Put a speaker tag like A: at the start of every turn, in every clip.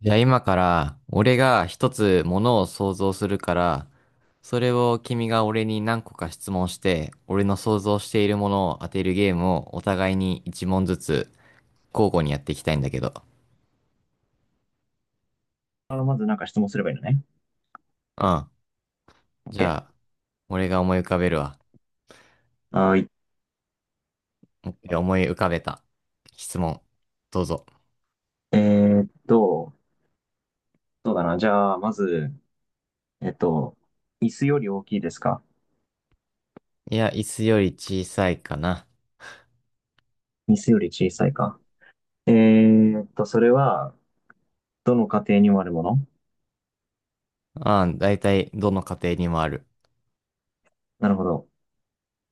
A: じゃあ今から、俺が一つものを想像するから、それを君が俺に何個か質問して、俺の想像しているものを当てるゲームをお互いに一問ずつ交互にやっていきたいんだけど。
B: あ、まずなんか質問すればいいのね。
A: うん。じゃ
B: OK。
A: あ、俺が思い浮かべるわ。
B: はーい。
A: オッケー思い浮かべた。質問。どうぞ。
B: えーっと、そうだな。じゃあ、まず、えっと、椅子より大きいですか？
A: いや、椅子より小さいかな。
B: 椅子より小さいか。それは、どの家庭にもあるもの？
A: うん、だいたいどの家庭にもある。
B: なるほど。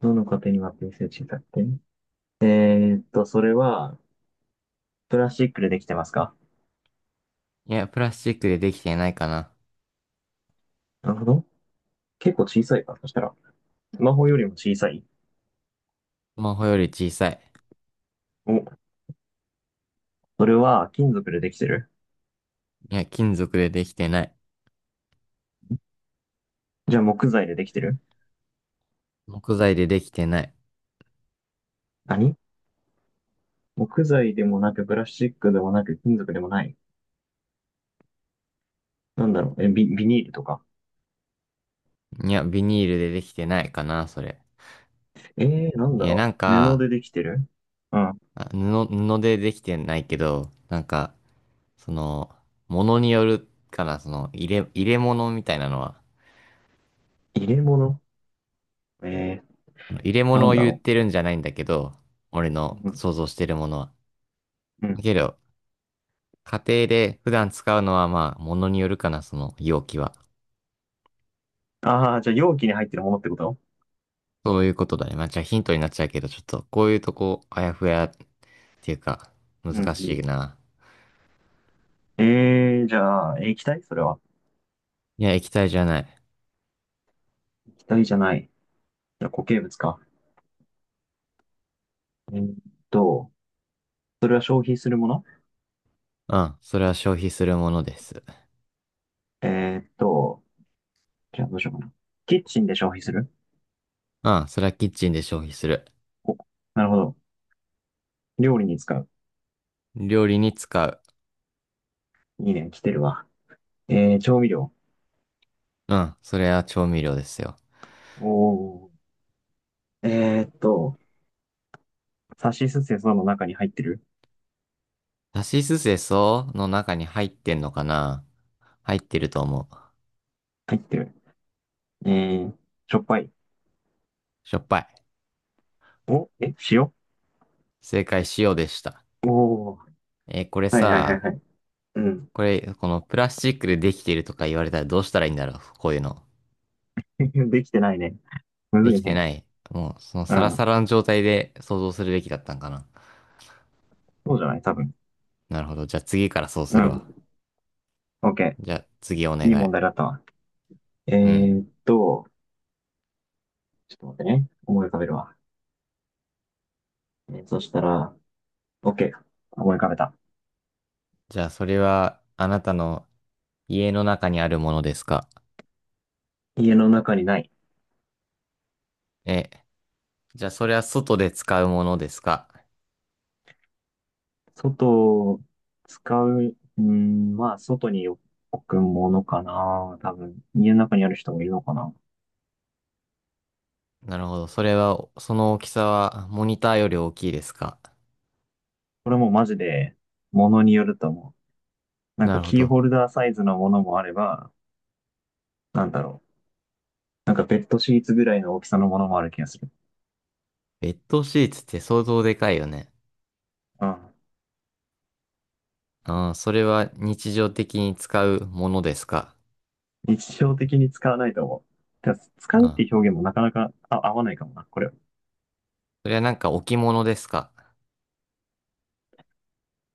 B: どの家庭にもあって椅子より小さくて。えそれは、プラスチックでできてますか？
A: いや、プラスチックでできてないかな。
B: なるほど。結構小さいか。そしたら、スマホよりも小さい。
A: スマホより小さい。
B: お、それは金属でできてる？
A: いや、金属でできてない。
B: じゃあ木材でできてる？
A: 木材でできてない。
B: 何？木材でもなく、プラスチックでもなく、金属でもない。なんだろう、ビニールとか。
A: いや、ビニールでできてないかな、それ。
B: えなん
A: い
B: だ
A: や、なん
B: ろう、布
A: か、
B: でできてる？うん。
A: 布でできてないけど、なんか、その、物によるから、その、入れ物みたいなのは、
B: 入れ物？えー、
A: 入れ
B: な
A: 物
B: ん
A: を
B: だ
A: 言っ
B: ろ
A: てるんじゃないんだけど、俺
B: う。
A: の
B: うん。
A: 想像してるものは。
B: うん。
A: けど、家庭で普段使うのは、まあ、物によるかな、その容器は。
B: ああ、じゃあ容器に入ってるものってこと？
A: そういうことだね。まあ、じゃあヒントになっちゃうけど、ちょっと、こういうとこ、あやふやっていうか、
B: う
A: 難し
B: ん
A: いな。
B: うん。じゃあ、液体それは？
A: いや、液体じゃない。
B: 液体じゃない。じゃあ固形物か。えーっと、それは消費するもの？
A: うん、それは消費するものです。
B: えーっと、じゃあどうしようかな。キッチンで消費する？
A: うん、それはキッチンで消費する。
B: なるほど。料理に使う。
A: 料理に使う。
B: いいね、来てるわ。調味料？
A: うん、それは調味料ですよ。
B: おー。えーっと、さしすせその中に入ってる？
A: さしすせその中に入ってんのかな。入ってると思う。
B: 入ってる。えー、しょっぱい？
A: しょっぱい。
B: お、塩、お。
A: 正解、塩でした。
B: おー、
A: これ
B: はいはいはい
A: さ、
B: はい。うん。
A: このプラスチックでできてるとか言われたらどうしたらいいんだろう、こういうの。
B: できてないね。む
A: で
B: ず
A: き
B: い
A: て
B: ね。
A: ない。もう、その
B: う
A: サラサ
B: ん。
A: ラの状態で想像するべきだったんかな。
B: そうじゃない多分。
A: なるほど。じゃあ次からそう
B: う
A: するわ。
B: ん。オッケ
A: じゃあ次お願
B: ー。いい
A: い。
B: 問題だったわ。え
A: うん。
B: ーっと、ちょっと待ってね。思い浮かべるわ。そしたら、オッケー。思い浮かべた。
A: じゃあ、それは、あなたの家の中にあるものですか？
B: 家の中にない。
A: え、じゃあ、それは外で使うものですか？
B: 外を使う、うん、まあ、外に置くものかな。多分、家の中にある人もいるのかな。
A: なるほど。それは、その大きさは、モニターより大きいですか？
B: これもマジで、ものによると思う。なん
A: な
B: か
A: るほ
B: キー
A: ど。
B: ホルダーサイズのものもあれば、なんだろう。なんかベッドシーツぐらいの大きさのものもある気がする。
A: ベッドシーツって相当でかいよね。
B: うん。
A: ああ、それは日常的に使うものですか？
B: 日常的に使わないと思う。だから使
A: あ
B: うって
A: あ、
B: いう表現もなかなか合わないかもな。これ、
A: それはなんか置物ですか？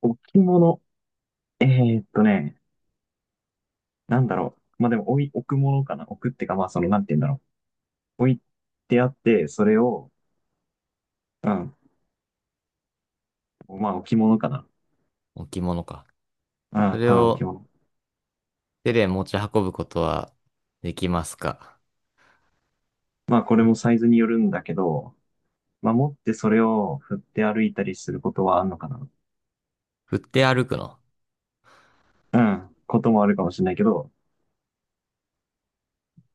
B: 置物？えーっとね、なんだろう。まあ、でも置くものかな。置くってか、まあ、なんて言うんだろう。置いてあって、それを、うん。まあ、置物かな。
A: 置物か。
B: う
A: そ
B: ん、
A: れ
B: ただ置
A: を
B: 物。
A: 手で持ち運ぶことはできますか？
B: まあ、これもサイズによるんだけど、まあ、持ってそれを振って歩いたりすることはあんのかな。
A: 振って歩くの？
B: うん、こともあるかもしれないけど、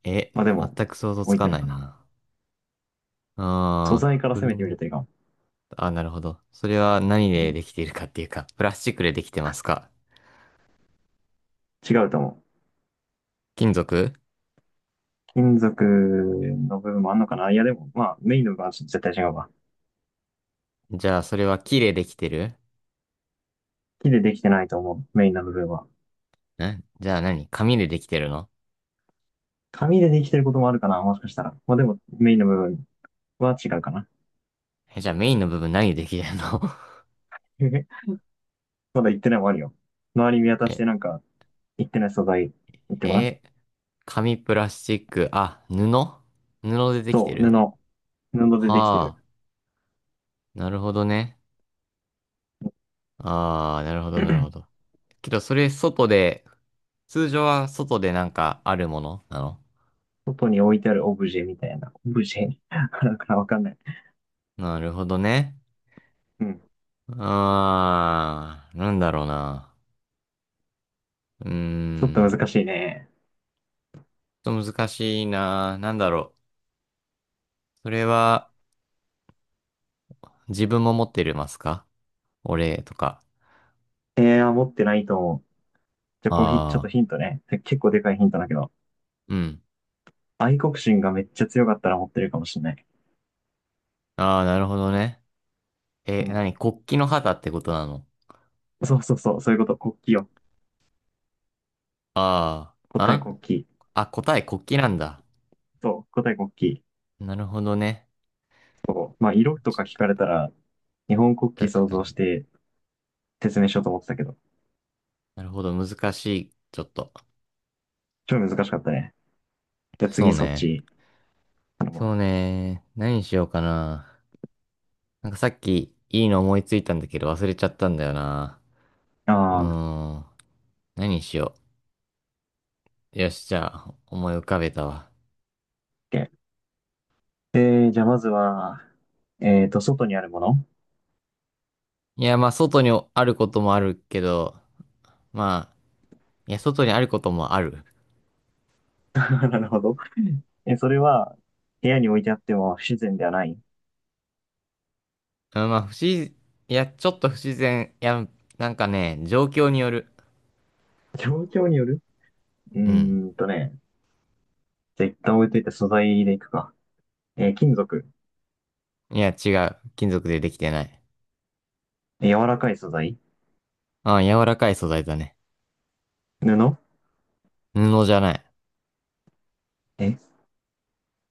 A: え、
B: まあでも、
A: 全く想像つ
B: 置い
A: か
B: て
A: な
B: る
A: い
B: かな。
A: な。
B: 素
A: あ
B: 材か
A: あ、
B: ら攻めてみ
A: 車。
B: るといいかも。
A: あ、なるほど。それは何
B: う
A: で
B: ん、
A: できているかっていうか、プラスチックでできてますか？
B: 違うと思う。
A: 金属？
B: 金属の部分もあんのかな。いやでも、まあ、メインの部分は絶対違うわ。
A: じゃあ、それは木でできてる？
B: 木でできてないと思う、メインの部分は。
A: んじゃあ何？紙でできてるの？
B: 紙でできてることもあるかな、もしかしたら。まあでも、メインの部分は違うかな。
A: え、じゃあメインの部分何でできてるの？
B: まだ言ってないもあるよ。周り見 渡し
A: え、
B: てなんか、言ってない素材、言ってごらん。
A: え、紙、プラスチック、あ、布。布でできて
B: そう、
A: る？
B: 布。布でできてる。
A: は？あ、なるほどね。ああ、なるほど、なるほど。けど、それ外で、通常は外でなんかあるものなの？
B: 外に置いてあるオブジェみたいな。オブジェ なんかわかんない。
A: なるほどね。
B: うん。
A: あー、なんだろうな。うー
B: ちょっと
A: ん。
B: 難しいね。
A: ちょっと難しいな。なんだろう。それは、自分も持ってるますか？お礼とか。
B: 持ってないと思う。じゃあ、こうひ、ちょっと
A: あ
B: ヒントね。て結構でかいヒントだけど。
A: ー、うん。
B: 愛国心がめっちゃ強かったら持ってるかもしれない。
A: ああ、なるほどね。
B: う
A: え、
B: ん。
A: なに、国旗の旗ってことなの？
B: そうそうそう、そういうこと。国旗よ。
A: あー、
B: 答え
A: あ
B: 国旗。
A: あ、答え国旗なんだ。
B: そう、答え国旗。
A: なるほどね。
B: そう。まあ、色と
A: ち
B: か聞かれたら、日本国旗
A: 確
B: 想
A: か
B: 像し
A: に。
B: て説明しようと思ってたけど。
A: なるほど、難しい。ちょっと。
B: 超難しかったね。じゃあ
A: そ
B: 次
A: う
B: そっ
A: ね。
B: ち。あの、
A: そ
B: ま
A: うね。何にしようかな。なんかさっき、いいの思いついたんだけど忘れちゃったんだよな。う
B: ああ、
A: ーん。何しよう。よし、じゃあ、思い浮かべたわ。
B: OK。じゃあまずは、外にあるもの？
A: いや、まあ、外にあることもあるけど、まあ、いや、外にあることもある。
B: なるほど。それは、部屋に置いてあっても不自然ではない？
A: うんまあ、いや、ちょっと不自然。いや、なんかね、状況による。
B: 状況による？う
A: うん。
B: ーんとね。じゃあ一旦置いといて素材でいくか。金属？
A: いや、違う。金属でできてない。
B: 柔らかい素材？
A: ああ、柔らかい素材だね。
B: 布？
A: 布じゃない。
B: え、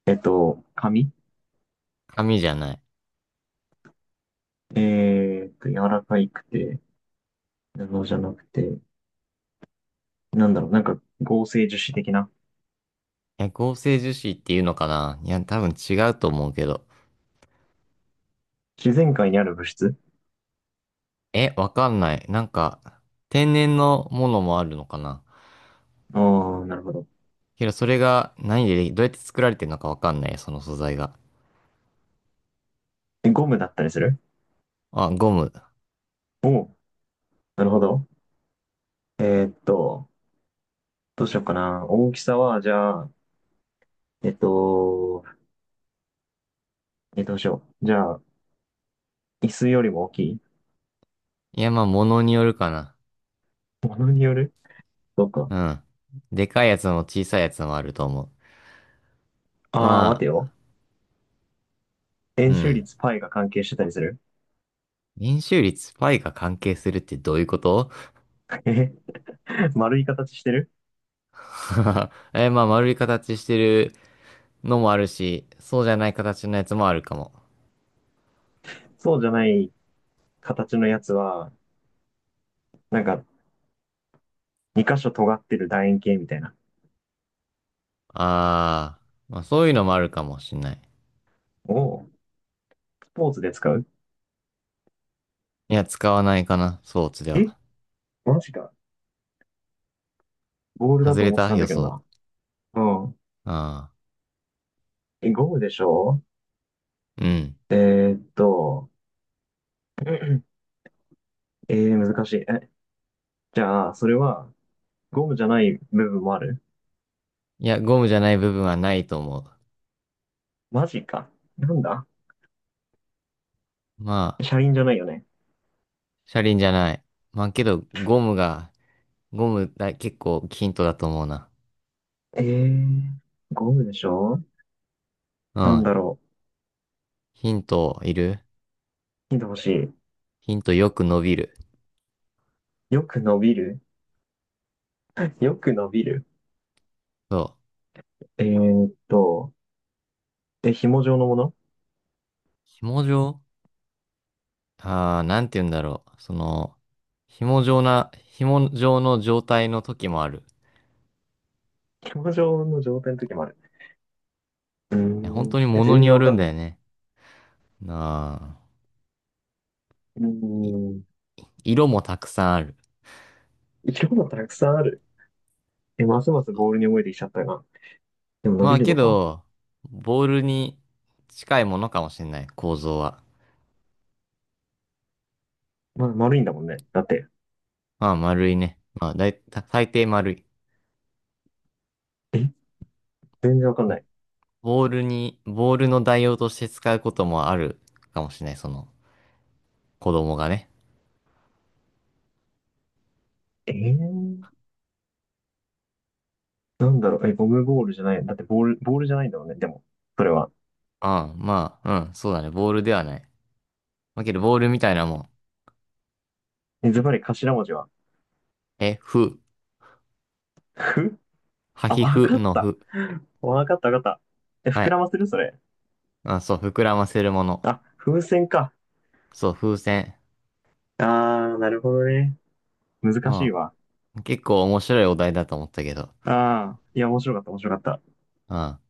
B: 紙？
A: 紙じゃない。い
B: 柔らかいくて、布じゃなくて、なんだろう、なんか合成樹脂的な？
A: や、合成樹脂っていうのかな。いや、多分違うと思うけど。
B: 自然界にある物質？
A: え、わかんない。なんか、天然のものもあるのかな？
B: ああ、なるほど。
A: けどそれが何ででどうやって作られてるのかわかんない、その素材が。
B: ゴムだったりする？
A: あ、ゴム。
B: おう、なるほど。えーっと、どうしようかな。大きさは、じゃあ、えっと、どうしよう。じゃあ、椅子よりも大きい？
A: いや、まあ、ものによるかな。
B: ものによる？そうか。
A: うん。でかいやつも小さいやつもあると思う。
B: ああ、
A: ま
B: 待
A: あ、
B: てよ。
A: う
B: 円周
A: ん。
B: 率 π が関係してたりする？
A: 円周率 π が関係するってどういうこと？
B: 丸い形してる？
A: え、まあ、丸い形してるのもあるし、そうじゃない形のやつもあるかも。
B: そうじゃない形のやつは、なんか2箇所尖ってる楕円形みたいな。
A: あー、まあ、そういうのもあるかもしんない。
B: をスポーツで使う？
A: いや、使わないかな、スポーツで
B: え、
A: は。
B: マジか。ボールだ
A: 外
B: と
A: れ
B: 思って
A: た
B: たん
A: 予
B: だけど
A: 想。
B: な。うん。
A: あ
B: え、ゴムでしょ？
A: あ、うん。
B: えーっと、難しい。じゃあ、それはゴムじゃない部分もある？
A: いや、ゴムじゃない部分はないと思う。
B: マジか。なんだ？
A: まあ、
B: 車輪じゃないよね？
A: 車輪じゃない。まあけど、ゴムだ、結構ヒントだと思うな。
B: えー、ゴムでしょ？
A: う
B: なん
A: ん。
B: だろう。
A: ヒントいる？
B: ヒント欲し
A: ヒントよく伸びる。
B: い。よく伸びる？よく伸びる。
A: そう。
B: えーっと、紐状のもの？
A: 紐状？ああー、なんて言うんだろう。その、紐状の状態の時もある。
B: 紐状の状態の時もある。うー
A: いや本当
B: ん。
A: に
B: え、
A: 物
B: 全
A: に
B: 然
A: よ
B: わ
A: る
B: か
A: ん
B: んな
A: だ
B: い
A: よ
B: な。
A: ね。なあ。
B: うーん。
A: 色もたくさんある。
B: 色がたくさんある。え、ますますボールに覚えてきちゃったが。でも伸
A: ま
B: び
A: あ
B: る
A: け
B: のか。
A: ど、ボールに、近いものかもしれない、構造は。
B: まあ、丸いんだもんね。だって。
A: まあ丸いね。まあ、最大抵丸い。
B: え、全然わかんない。
A: ボールの代用として使うこともあるかもしれない、その、子供がね。
B: えー、なんだろう。え、ゴムボールじゃない？だって、ボールじゃないんだもんね。でも、それは。
A: ああ、まあ、うん、そうだね、ボールではない。だけど、ボールみたいなもん。
B: え、ズバリ頭文字は？
A: え、
B: ふ
A: は
B: あ、
A: ひ
B: わ
A: ふ
B: かっ
A: の
B: た。
A: ふ。
B: わかったわかった。え、
A: は
B: 膨ら
A: い。
B: ませるそれ？
A: あ、そう、膨らませるもの。
B: あ、風船か。
A: そう、風船。
B: あー、なるほどね。難
A: う
B: しいわ。
A: ん、結構面白いお題だと思ったけど。
B: ああ、いや、面白かった、面白かった。
A: うん。